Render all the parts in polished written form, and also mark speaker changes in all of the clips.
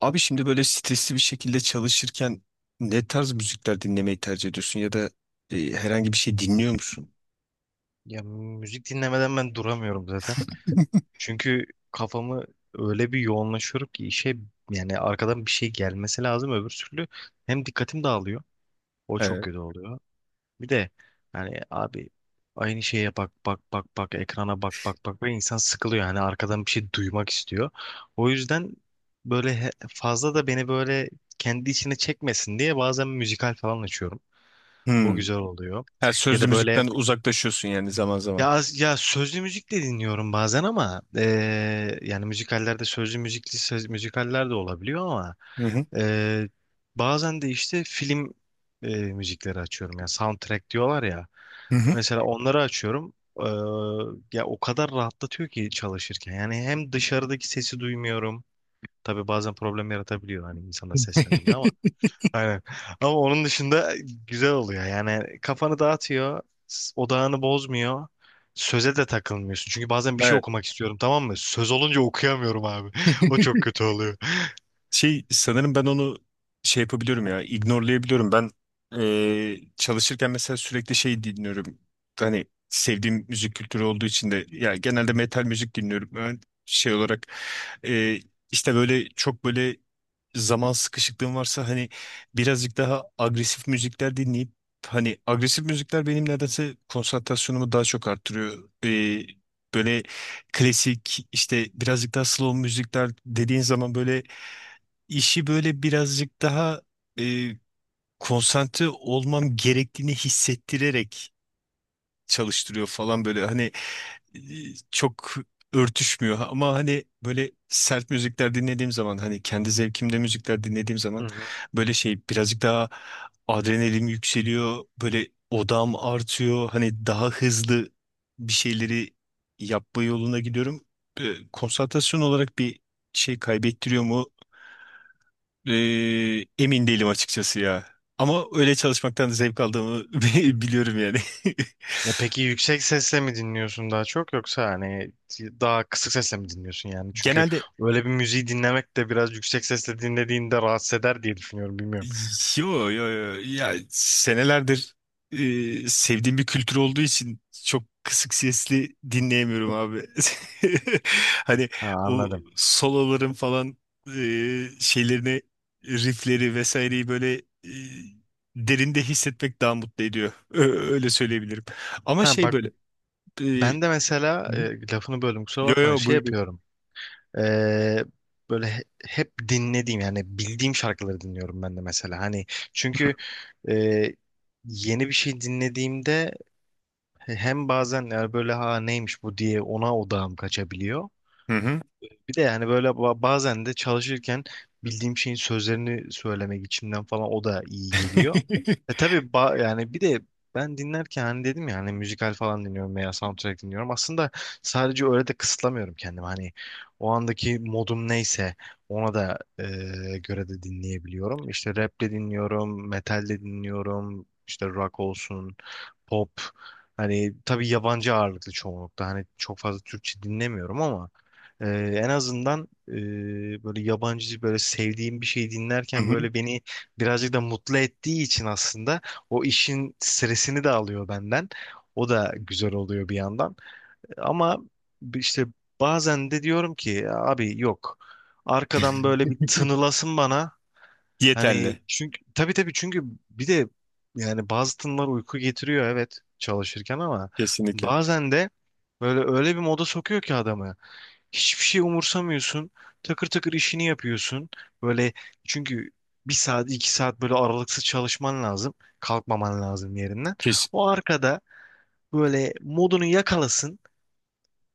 Speaker 1: Abi şimdi böyle stresli bir şekilde çalışırken ne tarz müzikler dinlemeyi tercih ediyorsun ya da herhangi bir şey dinliyor musun?
Speaker 2: Ya müzik dinlemeden ben duramıyorum zaten. Çünkü kafamı öyle bir yoğunlaşıyorum ki işe, yani arkadan bir şey gelmesi lazım, öbür türlü hem dikkatim dağılıyor. O çok
Speaker 1: Evet.
Speaker 2: kötü oluyor. Bir de yani abi aynı şeye bak bak bak bak, ekrana bak bak bak ve insan sıkılıyor. Yani arkadan bir şey duymak istiyor. O yüzden böyle fazla da beni böyle kendi içine çekmesin diye bazen müzikal falan açıyorum. O
Speaker 1: Hmm.
Speaker 2: güzel oluyor.
Speaker 1: Her
Speaker 2: Ya
Speaker 1: sözlü
Speaker 2: da böyle
Speaker 1: müzikten uzaklaşıyorsun yani zaman zaman.
Speaker 2: ya, ya sözlü müzik de dinliyorum bazen ama yani müzikallerde sözlü müzikli söz, müzikaller de olabiliyor ama
Speaker 1: Hı hı.
Speaker 2: eee, bazen de işte film müzikleri açıyorum. Yani soundtrack diyorlar ya.
Speaker 1: Hı hı.
Speaker 2: Mesela onları açıyorum. Eee, ya o kadar rahatlatıyor ki çalışırken. Yani hem dışarıdaki sesi duymuyorum. Tabii bazen problem yaratabiliyor hani insana seslendiğinde ama. Aynen. Ama onun dışında güzel oluyor. Yani kafanı dağıtıyor, odağını bozmuyor. Söze de takılmıyorsun. Çünkü bazen bir şey
Speaker 1: Evet.
Speaker 2: okumak istiyorum, tamam mı? Söz olunca okuyamıyorum abi. O çok kötü oluyor.
Speaker 1: Şey sanırım ben onu şey yapabiliyorum ya ignorelayabiliyorum. Ben çalışırken mesela sürekli şey dinliyorum. Hani sevdiğim müzik kültürü olduğu için de ya genelde metal müzik dinliyorum. Ben şey olarak e, işte böyle çok böyle zaman sıkışıklığım varsa hani birazcık daha agresif müzikler dinleyip hani agresif müzikler benim nedense konsantrasyonumu daha çok arttırıyor. Böyle klasik işte birazcık daha slow müzikler dediğin zaman böyle işi böyle birazcık daha e, konsantre olmam gerektiğini hissettirerek çalıştırıyor falan böyle. Hani e, çok örtüşmüyor ama hani böyle sert müzikler dinlediğim zaman hani kendi zevkimde müzikler dinlediğim
Speaker 2: Hı
Speaker 1: zaman
Speaker 2: hı.
Speaker 1: böyle şey birazcık daha adrenalin yükseliyor böyle odam artıyor hani daha hızlı bir şeyleri yapma yoluna gidiyorum. Konsantrasyon olarak bir şey kaybettiriyor mu? E, Emin değilim açıkçası ya ama öyle çalışmaktan zevk aldığımı biliyorum yani.
Speaker 2: Ya peki yüksek sesle mi dinliyorsun daha çok, yoksa hani daha kısık sesle mi dinliyorsun yani? Çünkü
Speaker 1: Genelde
Speaker 2: öyle bir müziği dinlemek de biraz, yüksek sesle dinlediğinde rahatsız eder diye düşünüyorum, bilmiyorum.
Speaker 1: yo yo yo ya senelerdir sevdiğim bir kültür olduğu için çok kısık sesli dinleyemiyorum abi. Hani
Speaker 2: Ha,
Speaker 1: o
Speaker 2: anladım.
Speaker 1: soloların falan şeylerini riffleri vesaireyi böyle derinde hissetmek daha mutlu ediyor. Öyle söyleyebilirim. Ama
Speaker 2: Ha
Speaker 1: şey
Speaker 2: bak,
Speaker 1: böyle e,
Speaker 2: ben de mesela
Speaker 1: Hı hı.
Speaker 2: lafını böldüm kusura
Speaker 1: Yo
Speaker 2: bakma,
Speaker 1: yo
Speaker 2: şey
Speaker 1: buyur buyur.
Speaker 2: yapıyorum. Ee, böyle hep dinlediğim, yani bildiğim şarkıları dinliyorum ben de mesela. Hani çünkü e, yeni bir şey dinlediğimde hem bazen yani böyle ha neymiş bu diye ona odağım kaçabiliyor.
Speaker 1: Hı hı.
Speaker 2: Bir de yani böyle bazen de çalışırken bildiğim şeyin sözlerini söylemek içimden falan, o da iyi geliyor. E tabii, yani bir de ben dinlerken, hani dedim ya hani müzikal falan dinliyorum veya soundtrack dinliyorum. Aslında sadece öyle de kısıtlamıyorum kendimi. Hani o andaki modum neyse ona da göre de dinleyebiliyorum. İşte rap de dinliyorum, metal de dinliyorum, işte rock olsun, pop. Hani tabii yabancı ağırlıklı çoğunlukta. Hani çok fazla Türkçe dinlemiyorum ama ee, en azından böyle yabancı böyle sevdiğim bir şey
Speaker 1: Hı
Speaker 2: dinlerken
Speaker 1: hı.
Speaker 2: böyle beni birazcık da mutlu ettiği için, aslında o işin stresini de alıyor benden. O da güzel oluyor bir yandan. Ama işte bazen de diyorum ki abi yok. Arkadan böyle bir tınılasın bana. Hani
Speaker 1: Yeterli.
Speaker 2: çünkü tabii tabii, çünkü bir de yani bazı tınılar uyku getiriyor evet, çalışırken, ama
Speaker 1: Kesinlikle.
Speaker 2: bazen de böyle öyle bir moda sokuyor ki adamı. Hiçbir şey umursamıyorsun. Takır takır işini yapıyorsun. Böyle çünkü bir saat iki saat böyle aralıksız çalışman lazım. Kalkmaman lazım yerinden.
Speaker 1: Kesinlikle.
Speaker 2: O arkada böyle modunu yakalasın.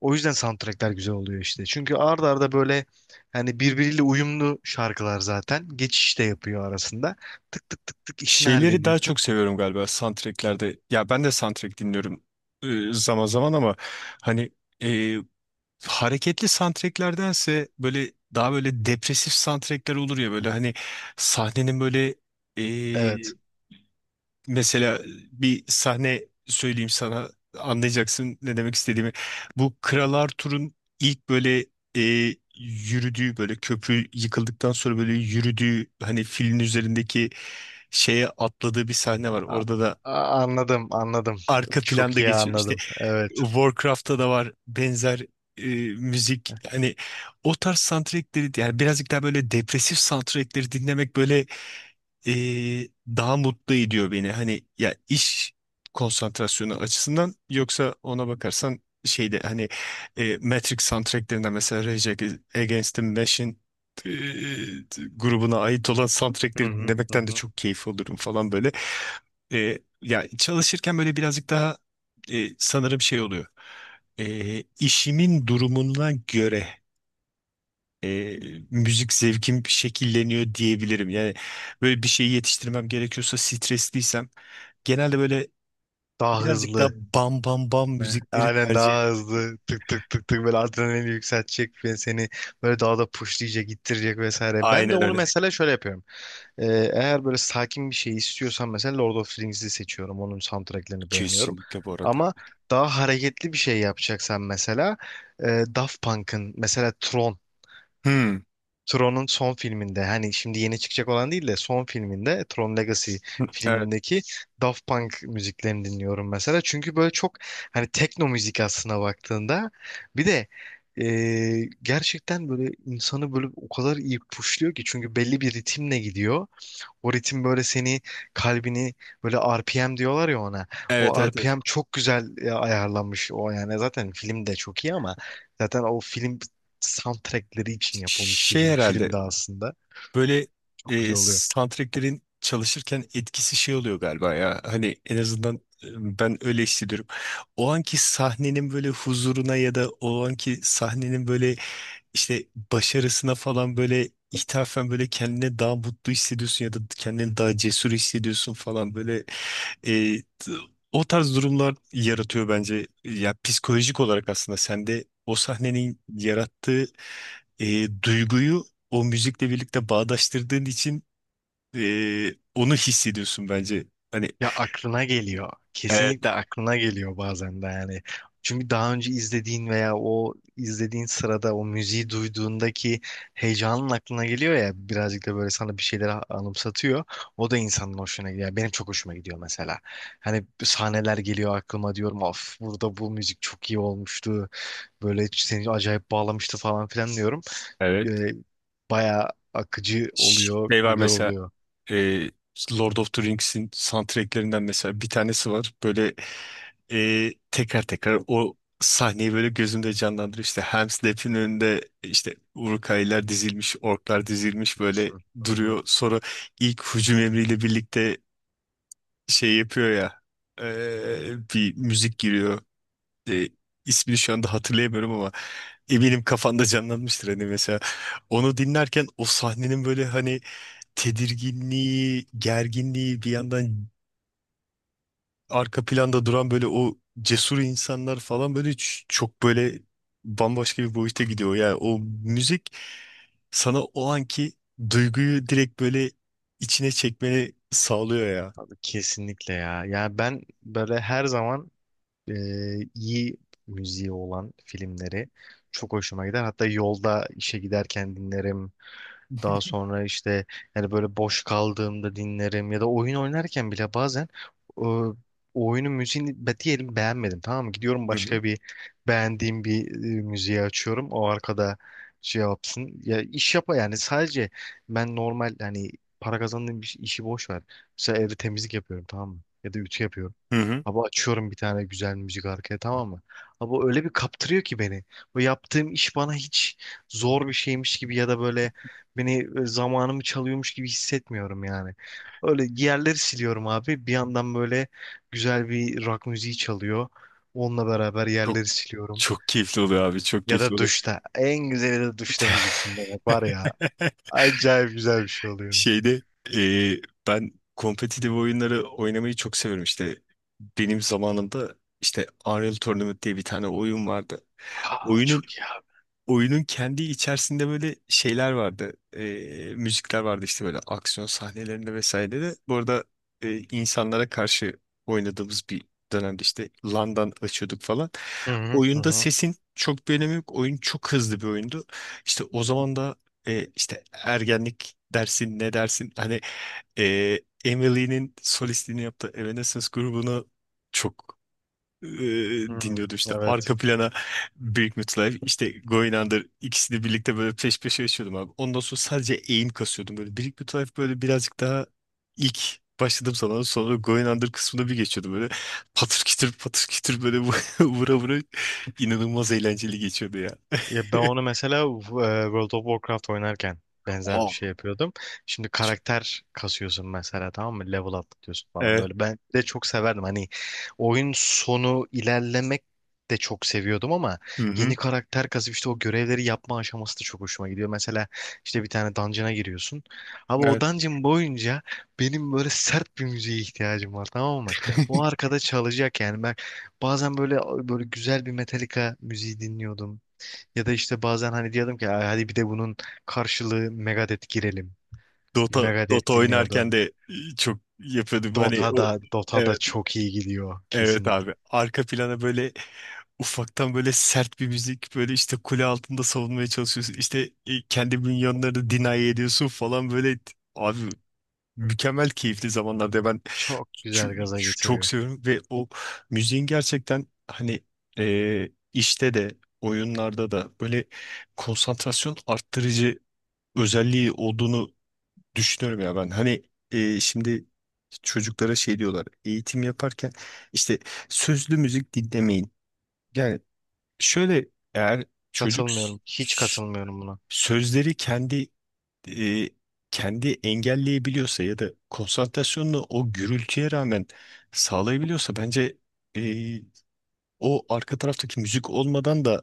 Speaker 2: O yüzden soundtrackler güzel oluyor işte. Çünkü arda arda böyle hani birbiriyle uyumlu şarkılar zaten. Geçiş de yapıyor arasında. Tık tık tık tık işini
Speaker 1: Şeyleri daha
Speaker 2: hallediyorsun.
Speaker 1: çok seviyorum galiba soundtracklerde. Ya ben de soundtrack dinliyorum zaman zaman ama hani e, hareketli soundtracklerdense böyle daha böyle depresif soundtrackler olur ya böyle hani sahnenin böyle
Speaker 2: Evet.
Speaker 1: mesela bir sahne söyleyeyim sana anlayacaksın ne demek istediğimi. Bu Kral Arthur'un ilk böyle e, yürüdüğü böyle köprü yıkıldıktan sonra böyle yürüdüğü hani filin üzerindeki şeye atladığı bir sahne var.
Speaker 2: A-
Speaker 1: Orada da
Speaker 2: anladım, anladım.
Speaker 1: arka
Speaker 2: Çok
Speaker 1: planda
Speaker 2: iyi
Speaker 1: geçiyor. İşte
Speaker 2: anladım. Evet.
Speaker 1: Warcraft'ta da var benzer e, müzik.
Speaker 2: Heh.
Speaker 1: Hani o tarz soundtrackleri yani birazcık daha böyle depresif soundtrackleri dinlemek böyle e, daha mutlu ediyor beni. Hani ya iş konsantrasyonu açısından yoksa ona bakarsan şeyde hani Matrix soundtracklerinde mesela Rage Against the Machine e, grubuna ait olan
Speaker 2: Hı
Speaker 1: soundtrackleri
Speaker 2: hı hı
Speaker 1: dinlemekten de
Speaker 2: hı.
Speaker 1: çok keyif olurum falan böyle. Ya çalışırken böyle birazcık daha sanırım şey oluyor. İşimin durumuna göre e, müzik zevkim şekilleniyor diyebilirim. Yani böyle bir şeyi yetiştirmem gerekiyorsa stresliysem genelde böyle
Speaker 2: Daha
Speaker 1: birazcık daha
Speaker 2: hızlı.
Speaker 1: bam bam bam
Speaker 2: Heh,
Speaker 1: müzikleri
Speaker 2: aynen,
Speaker 1: tercih
Speaker 2: daha
Speaker 1: ederim.
Speaker 2: hızlı, tık tık tık tık, böyle adrenalini yükseltecek ve seni böyle daha da pushlayacak, ittirecek vesaire. Ben de
Speaker 1: Aynen
Speaker 2: onu
Speaker 1: öyle.
Speaker 2: mesela şöyle yapıyorum. Ee, eğer böyle sakin bir şey istiyorsam mesela Lord of the Rings'i seçiyorum. Onun soundtracklerini beğeniyorum.
Speaker 1: Kesinlikle bu arada.
Speaker 2: Ama daha hareketli bir şey yapacaksan mesela Daft Punk'ın mesela Tron.
Speaker 1: Hmm.
Speaker 2: Tron'un son filminde, hani şimdi yeni çıkacak olan değil de son filminde, Tron Legacy
Speaker 1: Evet.
Speaker 2: filmindeki Daft Punk müziklerini dinliyorum mesela. Çünkü böyle çok, hani tekno müzik aslına baktığında bir de e, gerçekten böyle insanı böyle o kadar iyi puşluyor ki, çünkü belli bir ritimle gidiyor. O ritim böyle seni, kalbini, böyle RPM diyorlar ya ona.
Speaker 1: Evet
Speaker 2: O
Speaker 1: evet evet.
Speaker 2: RPM çok güzel ayarlanmış o, yani zaten film de çok iyi ama zaten o film soundtrackleri için yapılmış
Speaker 1: Şey
Speaker 2: gibi bir film
Speaker 1: herhalde
Speaker 2: de aslında.
Speaker 1: böyle
Speaker 2: Çok güzel oluyor.
Speaker 1: soundtracklerin çalışırken etkisi şey oluyor galiba ya. Hani en azından ben öyle hissediyorum. O anki sahnenin böyle huzuruna ya da o anki sahnenin böyle işte başarısına falan böyle ithafen böyle kendine daha mutlu hissediyorsun ya da kendini daha cesur hissediyorsun falan böyle e, t- o tarz durumlar yaratıyor bence. Ya psikolojik olarak aslında sende o sahnenin yarattığı duyguyu o müzikle birlikte bağdaştırdığın için onu hissediyorsun bence. Hani.
Speaker 2: Ya aklına geliyor. Kesinlikle
Speaker 1: Evet.
Speaker 2: aklına geliyor bazen de yani. Çünkü daha önce izlediğin veya o izlediğin sırada o müziği duyduğundaki heyecanın aklına geliyor ya, birazcık da böyle sana bir şeyleri anımsatıyor. O da insanın hoşuna gidiyor. Yani benim çok hoşuma gidiyor mesela. Hani sahneler geliyor aklıma, diyorum of burada bu müzik çok iyi olmuştu. Böyle seni acayip bağlamıştı falan filan diyorum.
Speaker 1: Evet.
Speaker 2: Ee, bayağı akıcı oluyor,
Speaker 1: Şey var
Speaker 2: güzel
Speaker 1: mesela.
Speaker 2: oluyor.
Speaker 1: E, Lord of the Rings'in soundtracklerinden mesela bir tanesi var. Böyle tekrar tekrar o sahneyi böyle gözümde canlandırıyor. İşte Helm's Deep'in önünde işte Uruk-hai'ler dizilmiş, orklar dizilmiş böyle duruyor. Sonra ilk hücum emriyle birlikte şey yapıyor ya bir müzik giriyor. E, ismini şu anda hatırlayamıyorum ama eminim kafanda canlanmıştır hani mesela. Onu dinlerken o sahnenin böyle hani tedirginliği, gerginliği bir yandan arka planda duran böyle o cesur insanlar falan böyle çok böyle bambaşka bir boyuta gidiyor. Yani o müzik sana o anki duyguyu direkt böyle içine çekmeni sağlıyor ya.
Speaker 2: Kesinlikle ya. Ya ben böyle her zaman e, iyi müziği olan filmleri çok hoşuma gider. Hatta yolda işe giderken dinlerim. Daha sonra işte yani böyle boş kaldığımda dinlerim, ya da oyun oynarken bile bazen o oyunun müziğini diyelim beğenmedim, tamam mı? Gidiyorum
Speaker 1: Hı hı.
Speaker 2: başka bir beğendiğim bir müziği açıyorum. O arkada şey yapsın. Ya iş yapa yani sadece ben normal hani para kazandığım bir işi boş ver. Mesela evde temizlik yapıyorum, tamam mı? Ya da ütü yapıyorum.
Speaker 1: Hı hı.
Speaker 2: Abi açıyorum bir tane güzel müzik arkaya, tamam mı? Abi öyle bir kaptırıyor ki beni. Bu yaptığım iş bana hiç zor bir şeymiş gibi ya da böyle, beni zamanımı çalıyormuş gibi hissetmiyorum yani. Öyle yerleri siliyorum abi. Bir yandan böyle güzel bir rock müziği çalıyor. Onunla beraber
Speaker 1: Çok
Speaker 2: yerleri siliyorum.
Speaker 1: çok keyifli oluyor abi, çok
Speaker 2: Ya
Speaker 1: keyifli
Speaker 2: da
Speaker 1: oluyor.
Speaker 2: duşta. En güzeli de duşta müzik dinlemek var ya. Acayip güzel bir şey oluyor.
Speaker 1: Şeyde e, ben kompetitif oyunları oynamayı çok severim işte. Benim zamanımda işte Unreal Tournament diye bir tane oyun vardı.
Speaker 2: Aa
Speaker 1: Oyunun
Speaker 2: çok ya.
Speaker 1: oyunun kendi içerisinde böyle şeyler vardı. Müzikler vardı işte böyle aksiyon sahnelerinde vesaire de. Bu arada insanlara karşı oynadığımız bir dönemde işte LAN'dan açıyorduk falan.
Speaker 2: Hı hı hı
Speaker 1: Oyunda
Speaker 2: hı.
Speaker 1: sesin çok bir önemi yok. Oyun çok hızlı bir oyundu. İşte o zaman da işte ergenlik dersin ne dersin hani e, Emily'nin solistliğini yaptığı Evanescence grubunu çok e,
Speaker 2: Hı,
Speaker 1: dinliyordum işte
Speaker 2: evet.
Speaker 1: arka plana Big Little Lies işte Going Under ikisini birlikte böyle peş peşe yaşıyordum abi. Ondan sonra sadece eğim kasıyordum böyle. Big Little Lies böyle birazcık daha ilk başladım zaman sonra Going Under kısmına bir geçiyordum böyle patır kütür patır kütür böyle vura vura inanılmaz eğlenceli geçiyordu ya.
Speaker 2: Ya ben onu mesela World of Warcraft oynarken benzer bir
Speaker 1: Aa,
Speaker 2: şey yapıyordum. Şimdi karakter kasıyorsun mesela, tamam mı? Level atlatıyorsun falan
Speaker 1: evet.
Speaker 2: böyle. Ben de çok severdim. Hani oyun sonu ilerlemek de çok seviyordum ama
Speaker 1: Hı
Speaker 2: yeni
Speaker 1: hı.
Speaker 2: karakter kasıp işte o görevleri yapma aşaması da çok hoşuma gidiyor. Mesela işte bir tane dungeon'a giriyorsun. Abi o
Speaker 1: Evet.
Speaker 2: dungeon boyunca benim böyle sert bir müziğe ihtiyacım var, tamam mı? O arkada çalacak. Yani ben bazen böyle, böyle güzel bir Metallica müziği dinliyordum. Ya da işte bazen hani diyordum ki "Ay, hadi bir de bunun karşılığı Megadeth girelim."
Speaker 1: Dota Dota
Speaker 2: Megadeth
Speaker 1: oynarken
Speaker 2: dinliyordum.
Speaker 1: de çok yapıyordum. Hani
Speaker 2: Dota
Speaker 1: o
Speaker 2: da, Dota da
Speaker 1: evet
Speaker 2: çok iyi gidiyor
Speaker 1: evet
Speaker 2: kesinlikle.
Speaker 1: abi. Arka plana böyle ufaktan böyle sert bir müzik böyle işte kule altında savunmaya çalışıyorsun. İşte kendi minyonlarını deny ediyorsun falan böyle abi mükemmel keyifli zamanlarda ben
Speaker 2: Çok güzel gaza
Speaker 1: çok
Speaker 2: getiriyor.
Speaker 1: seviyorum ve o müziğin gerçekten hani işte de oyunlarda da böyle konsantrasyon arttırıcı özelliği olduğunu düşünüyorum ya ben. Hani şimdi çocuklara şey diyorlar eğitim yaparken işte sözlü müzik dinlemeyin. Yani şöyle eğer çocuk
Speaker 2: Katılmıyorum. Hiç katılmıyorum buna.
Speaker 1: sözleri kendi e, kendi engelleyebiliyorsa ya da konsantrasyonunu o gürültüye rağmen sağlayabiliyorsa bence e, o arka taraftaki müzik olmadan da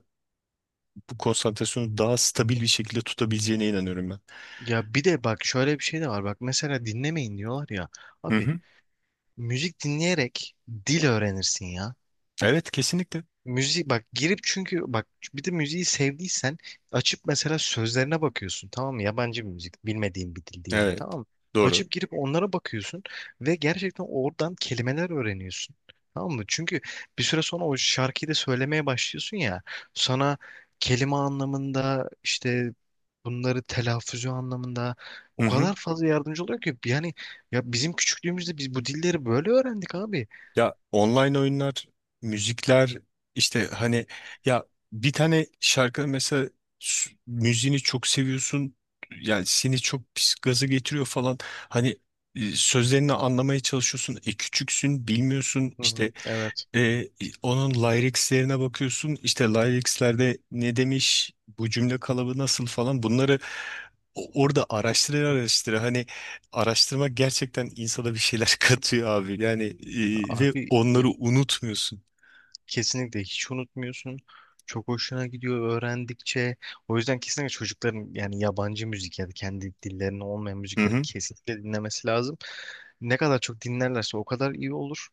Speaker 1: bu konsantrasyonu daha stabil bir şekilde tutabileceğine inanıyorum ben.
Speaker 2: Ya bir de bak şöyle bir şey de var. Bak mesela dinlemeyin diyorlar ya.
Speaker 1: Hı
Speaker 2: Abi
Speaker 1: hı.
Speaker 2: müzik dinleyerek dil öğrenirsin ya.
Speaker 1: Evet kesinlikle.
Speaker 2: Müzik bak girip, çünkü bak bir de müziği sevdiysen açıp mesela sözlerine bakıyorsun, tamam mı? Yabancı bir müzik, bilmediğin bir dil diyelim,
Speaker 1: Evet.
Speaker 2: tamam mı?
Speaker 1: Doğru.
Speaker 2: Açıp girip onlara bakıyorsun ve gerçekten oradan kelimeler öğreniyorsun. Tamam mı? Çünkü bir süre sonra o şarkıyı da söylemeye başlıyorsun ya, sana kelime anlamında işte, bunları telaffuzu anlamında
Speaker 1: Hı
Speaker 2: o
Speaker 1: hı.
Speaker 2: kadar fazla yardımcı oluyor ki yani. Ya bizim küçüklüğümüzde biz bu dilleri böyle öğrendik abi.
Speaker 1: Ya online oyunlar, müzikler işte hani ya bir tane şarkı mesela müziğini çok seviyorsun. Yani seni çok pis gaza getiriyor falan. Hani sözlerini anlamaya çalışıyorsun. E küçüksün, bilmiyorsun.
Speaker 2: Hı hı,
Speaker 1: İşte
Speaker 2: evet
Speaker 1: e, onun Lyrics'lerine bakıyorsun işte Lyrics'lerde ne demiş bu cümle kalıbı nasıl falan bunları orada araştıra araştıra hani araştırma gerçekten insana bir şeyler katıyor abi yani ve
Speaker 2: abi
Speaker 1: onları unutmuyorsun.
Speaker 2: kesinlikle hiç unutmuyorsun. Çok hoşuna gidiyor öğrendikçe. O yüzden kesinlikle çocukların yani yabancı müzik ya da kendi dillerine olmayan
Speaker 1: Hı
Speaker 2: müzikleri
Speaker 1: hı.
Speaker 2: kesinlikle dinlemesi lazım. Ne kadar çok dinlerlerse o kadar iyi olur.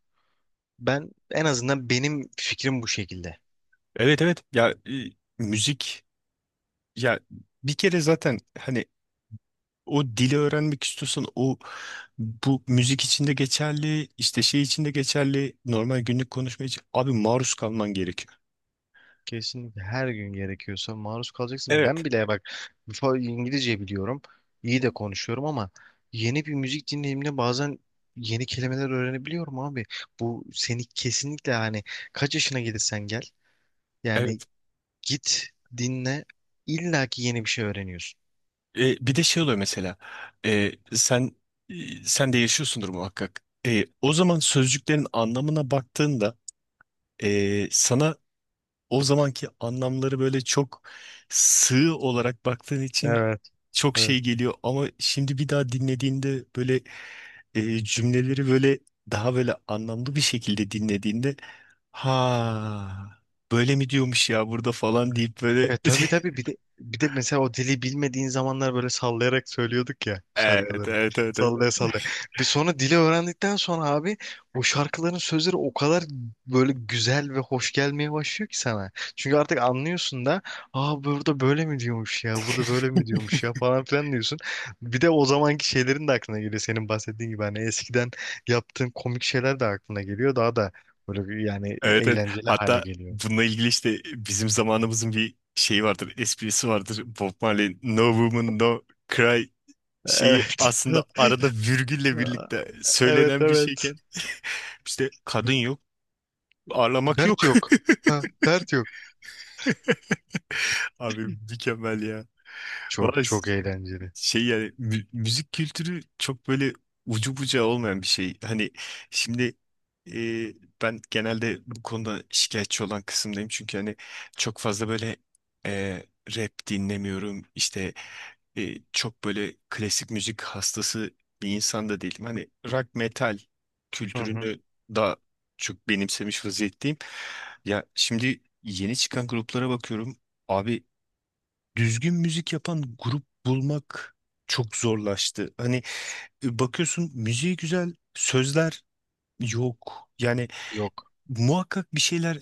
Speaker 2: Ben en azından, benim fikrim bu şekilde.
Speaker 1: Evet evet ya müzik ya bir kere zaten hani o dili öğrenmek istiyorsan o bu müzik için de geçerli işte şey için de geçerli normal günlük konuşma için abi maruz kalman gerekiyor.
Speaker 2: Kesinlikle her gün gerekiyorsa maruz kalacaksın.
Speaker 1: Evet.
Speaker 2: Ben bile bak, İngilizce biliyorum. İyi de konuşuyorum ama yeni bir müzik dinleyimine bazen yeni kelimeler öğrenebiliyorum abi. Bu seni kesinlikle hani kaç yaşına gelirsen gel. Yani
Speaker 1: Evet.
Speaker 2: git, dinle, illaki yeni bir şey öğreniyorsun.
Speaker 1: Bir de şey oluyor mesela. Sen e, sen de yaşıyorsundur muhakkak. O zaman sözcüklerin anlamına baktığında sana o zamanki anlamları böyle çok sığ olarak baktığın için
Speaker 2: Evet,
Speaker 1: çok
Speaker 2: evet.
Speaker 1: şey geliyor. Ama şimdi bir daha dinlediğinde böyle cümleleri böyle daha böyle anlamlı bir şekilde dinlediğinde ha böyle mi diyormuş ya burada falan deyip böyle
Speaker 2: E tabii tabii, bir de bir de mesela o dili bilmediğin zamanlar böyle sallayarak söylüyorduk ya
Speaker 1: evet
Speaker 2: şarkıları.
Speaker 1: evet evet evet.
Speaker 2: Sallaya sallaya. Bir sonra dili öğrendikten sonra abi o şarkıların sözleri o kadar böyle güzel ve hoş gelmeye başlıyor ki sana. Çünkü artık anlıyorsun da, aa burada böyle mi diyormuş ya, burada böyle mi diyormuş ya falan filan diyorsun. Bir de o zamanki şeylerin de aklına geliyor senin bahsettiğin gibi, hani eskiden yaptığın komik şeyler de aklına geliyor, daha da böyle bir yani
Speaker 1: Evet evet.
Speaker 2: eğlenceli hale
Speaker 1: Hatta
Speaker 2: geliyor.
Speaker 1: bununla ilgili işte bizim zamanımızın bir şeyi vardır, esprisi vardır. Bob Marley No Woman No Cry şeyi
Speaker 2: Evet.
Speaker 1: aslında arada virgülle birlikte
Speaker 2: Evet,
Speaker 1: söylenen bir
Speaker 2: evet.
Speaker 1: şeyken işte kadın yok, ağlamak
Speaker 2: Dert
Speaker 1: yok.
Speaker 2: yok. Ha, dert yok.
Speaker 1: Abi mükemmel ya. Vay.
Speaker 2: Çok çok eğlenceli.
Speaker 1: Şey yani müzik kültürü çok böyle ucu bucağı olmayan bir şey. Hani şimdi e, ben genelde bu konuda şikayetçi olan kısımdayım. Çünkü hani çok fazla böyle e, rap dinlemiyorum. İşte çok böyle klasik müzik hastası bir insan da değilim. Hani rock metal
Speaker 2: Hı hı.
Speaker 1: kültürünü daha çok benimsemiş vaziyetteyim. Ya şimdi yeni çıkan gruplara bakıyorum. Abi düzgün müzik yapan grup bulmak çok zorlaştı. Hani bakıyorsun müziği güzel, sözler yok. Yani
Speaker 2: Yok.
Speaker 1: muhakkak bir şeyler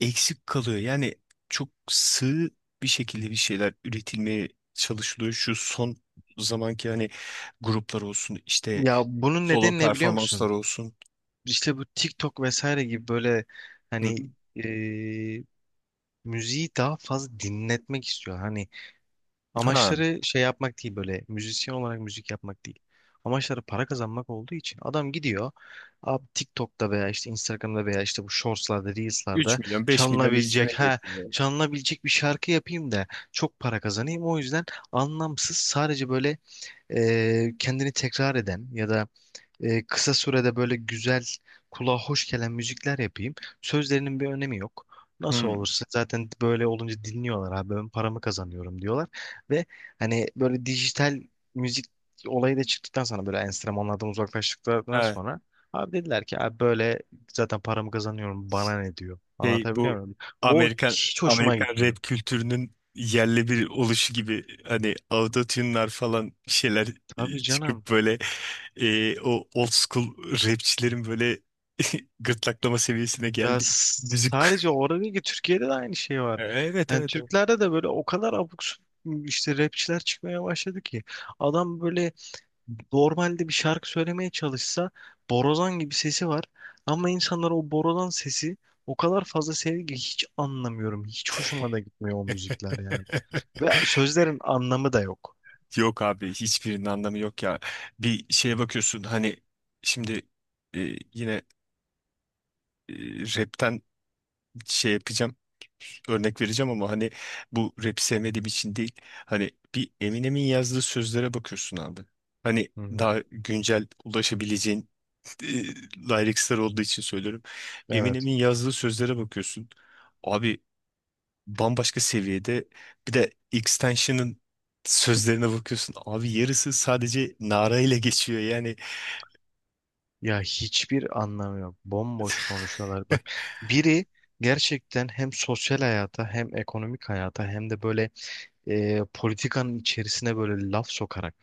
Speaker 1: eksik kalıyor. Yani çok sığ bir şekilde bir şeyler üretilmeye çalışılıyor. Şu son zamanki hani gruplar olsun, işte
Speaker 2: Ya bunun
Speaker 1: solo
Speaker 2: nedeni ne biliyor
Speaker 1: performanslar
Speaker 2: musun?
Speaker 1: olsun.
Speaker 2: İşte bu TikTok vesaire gibi böyle,
Speaker 1: Hı
Speaker 2: hani
Speaker 1: hı.
Speaker 2: e, müziği daha fazla dinletmek istiyor. Hani
Speaker 1: Ha,
Speaker 2: amaçları şey yapmak değil, böyle müzisyen olarak müzik yapmak değil. Amaçları para kazanmak olduğu için adam gidiyor abi, TikTok'ta veya işte Instagram'da veya işte bu Shorts'larda,
Speaker 1: 3
Speaker 2: Reels'larda
Speaker 1: milyon, 5 milyon
Speaker 2: çalınabilecek ha,
Speaker 1: izlenemeyebiliyor.
Speaker 2: çalınabilecek bir şarkı yapayım da çok para kazanayım. O yüzden anlamsız, sadece böyle kendini tekrar eden ya da kısa sürede böyle güzel, kulağa hoş gelen müzikler yapayım. Sözlerinin bir önemi yok. Nasıl
Speaker 1: Hı.
Speaker 2: olursa, zaten böyle olunca dinliyorlar abi, ben paramı kazanıyorum diyorlar. Ve hani böyle dijital müzik olayı da çıktıktan sonra, böyle enstrümanlardan uzaklaştıktan sonra abi dediler ki, abi böyle zaten paramı kazanıyorum, bana ne diyor.
Speaker 1: Şey
Speaker 2: Anlatabiliyor
Speaker 1: bu
Speaker 2: muyum? O
Speaker 1: Amerikan
Speaker 2: hiç hoşuma
Speaker 1: Amerikan
Speaker 2: gitmiyor.
Speaker 1: rap kültürünün yerli bir oluşu gibi hani autotune'lar falan bir şeyler
Speaker 2: Tabii canım.
Speaker 1: çıkıp böyle o old school rapçilerin böyle gırtlaklama seviyesine
Speaker 2: Ya
Speaker 1: geldiği müzik.
Speaker 2: sadece orada değil ki, Türkiye'de de aynı şey var.
Speaker 1: Evet evet
Speaker 2: Yani
Speaker 1: evet.
Speaker 2: Türklerde de böyle o kadar abuk subuk işte rapçiler çıkmaya başladı ki, adam böyle normalde bir şarkı söylemeye çalışsa borazan gibi sesi var ama insanlar o borazan sesi o kadar fazla seviyor ki, hiç anlamıyorum. Hiç hoşuma da gitmiyor o müzikler yani. Ve sözlerin anlamı da yok.
Speaker 1: Yok abi hiçbirinin anlamı yok ya. Bir şeye bakıyorsun hani şimdi e, yine e, rapten şey yapacağım. Örnek vereceğim ama hani bu rap sevmediğim için değil. Hani bir Eminem'in yazdığı sözlere bakıyorsun abi. Hani
Speaker 2: Hı hı.
Speaker 1: daha güncel ulaşabileceğin e, lyricsler olduğu için söylüyorum.
Speaker 2: Evet.
Speaker 1: Eminem'in yazdığı sözlere bakıyorsun. Abi bambaşka seviyede. Bir de Xtension'ın sözlerine bakıyorsun. Abi yarısı sadece narayla geçiyor yani.
Speaker 2: Ya hiçbir anlamı yok. Bomboş konuşuyorlar bak. Biri gerçekten hem sosyal hayata hem ekonomik hayata hem de böyle politikanın içerisine böyle laf sokarak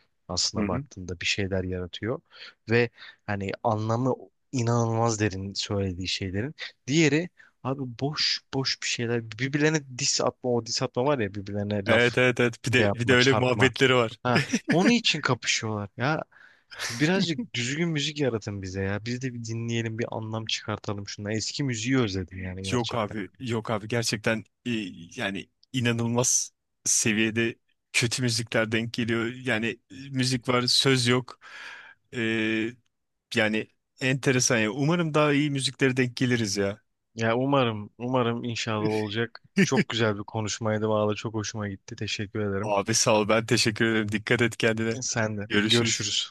Speaker 1: Hı
Speaker 2: aslında
Speaker 1: hı.
Speaker 2: baktığında bir şeyler yaratıyor. Ve hani anlamı inanılmaz derin söylediği şeylerin. Diğeri abi boş boş bir şeyler, birbirlerine diss atma, o diss atma var ya, birbirlerine laf
Speaker 1: Evet evet evet. Bir
Speaker 2: şey
Speaker 1: de bir de
Speaker 2: yapma,
Speaker 1: öyle
Speaker 2: çarpma.
Speaker 1: muhabbetleri var.
Speaker 2: Ha, onun için kapışıyorlar ya. Birazcık düzgün müzik yaratın bize ya. Biz de bir dinleyelim, bir anlam çıkartalım şuna. Eski müziği özledim yani
Speaker 1: Yok
Speaker 2: gerçekten.
Speaker 1: abi, yok abi gerçekten yani inanılmaz seviyede kötü müzikler denk geliyor. Yani müzik var, söz yok. Ee, Yani enteresan ya. Umarım daha iyi müziklere denk geliriz ya.
Speaker 2: Ya umarım, umarım, inşallah olacak. Çok güzel bir konuşmaydı valla. Çok hoşuma gitti. Teşekkür ederim.
Speaker 1: Abi sağ ol, ben teşekkür ederim. Dikkat et kendine.
Speaker 2: Sen de.
Speaker 1: Görüşürüz.
Speaker 2: Görüşürüz.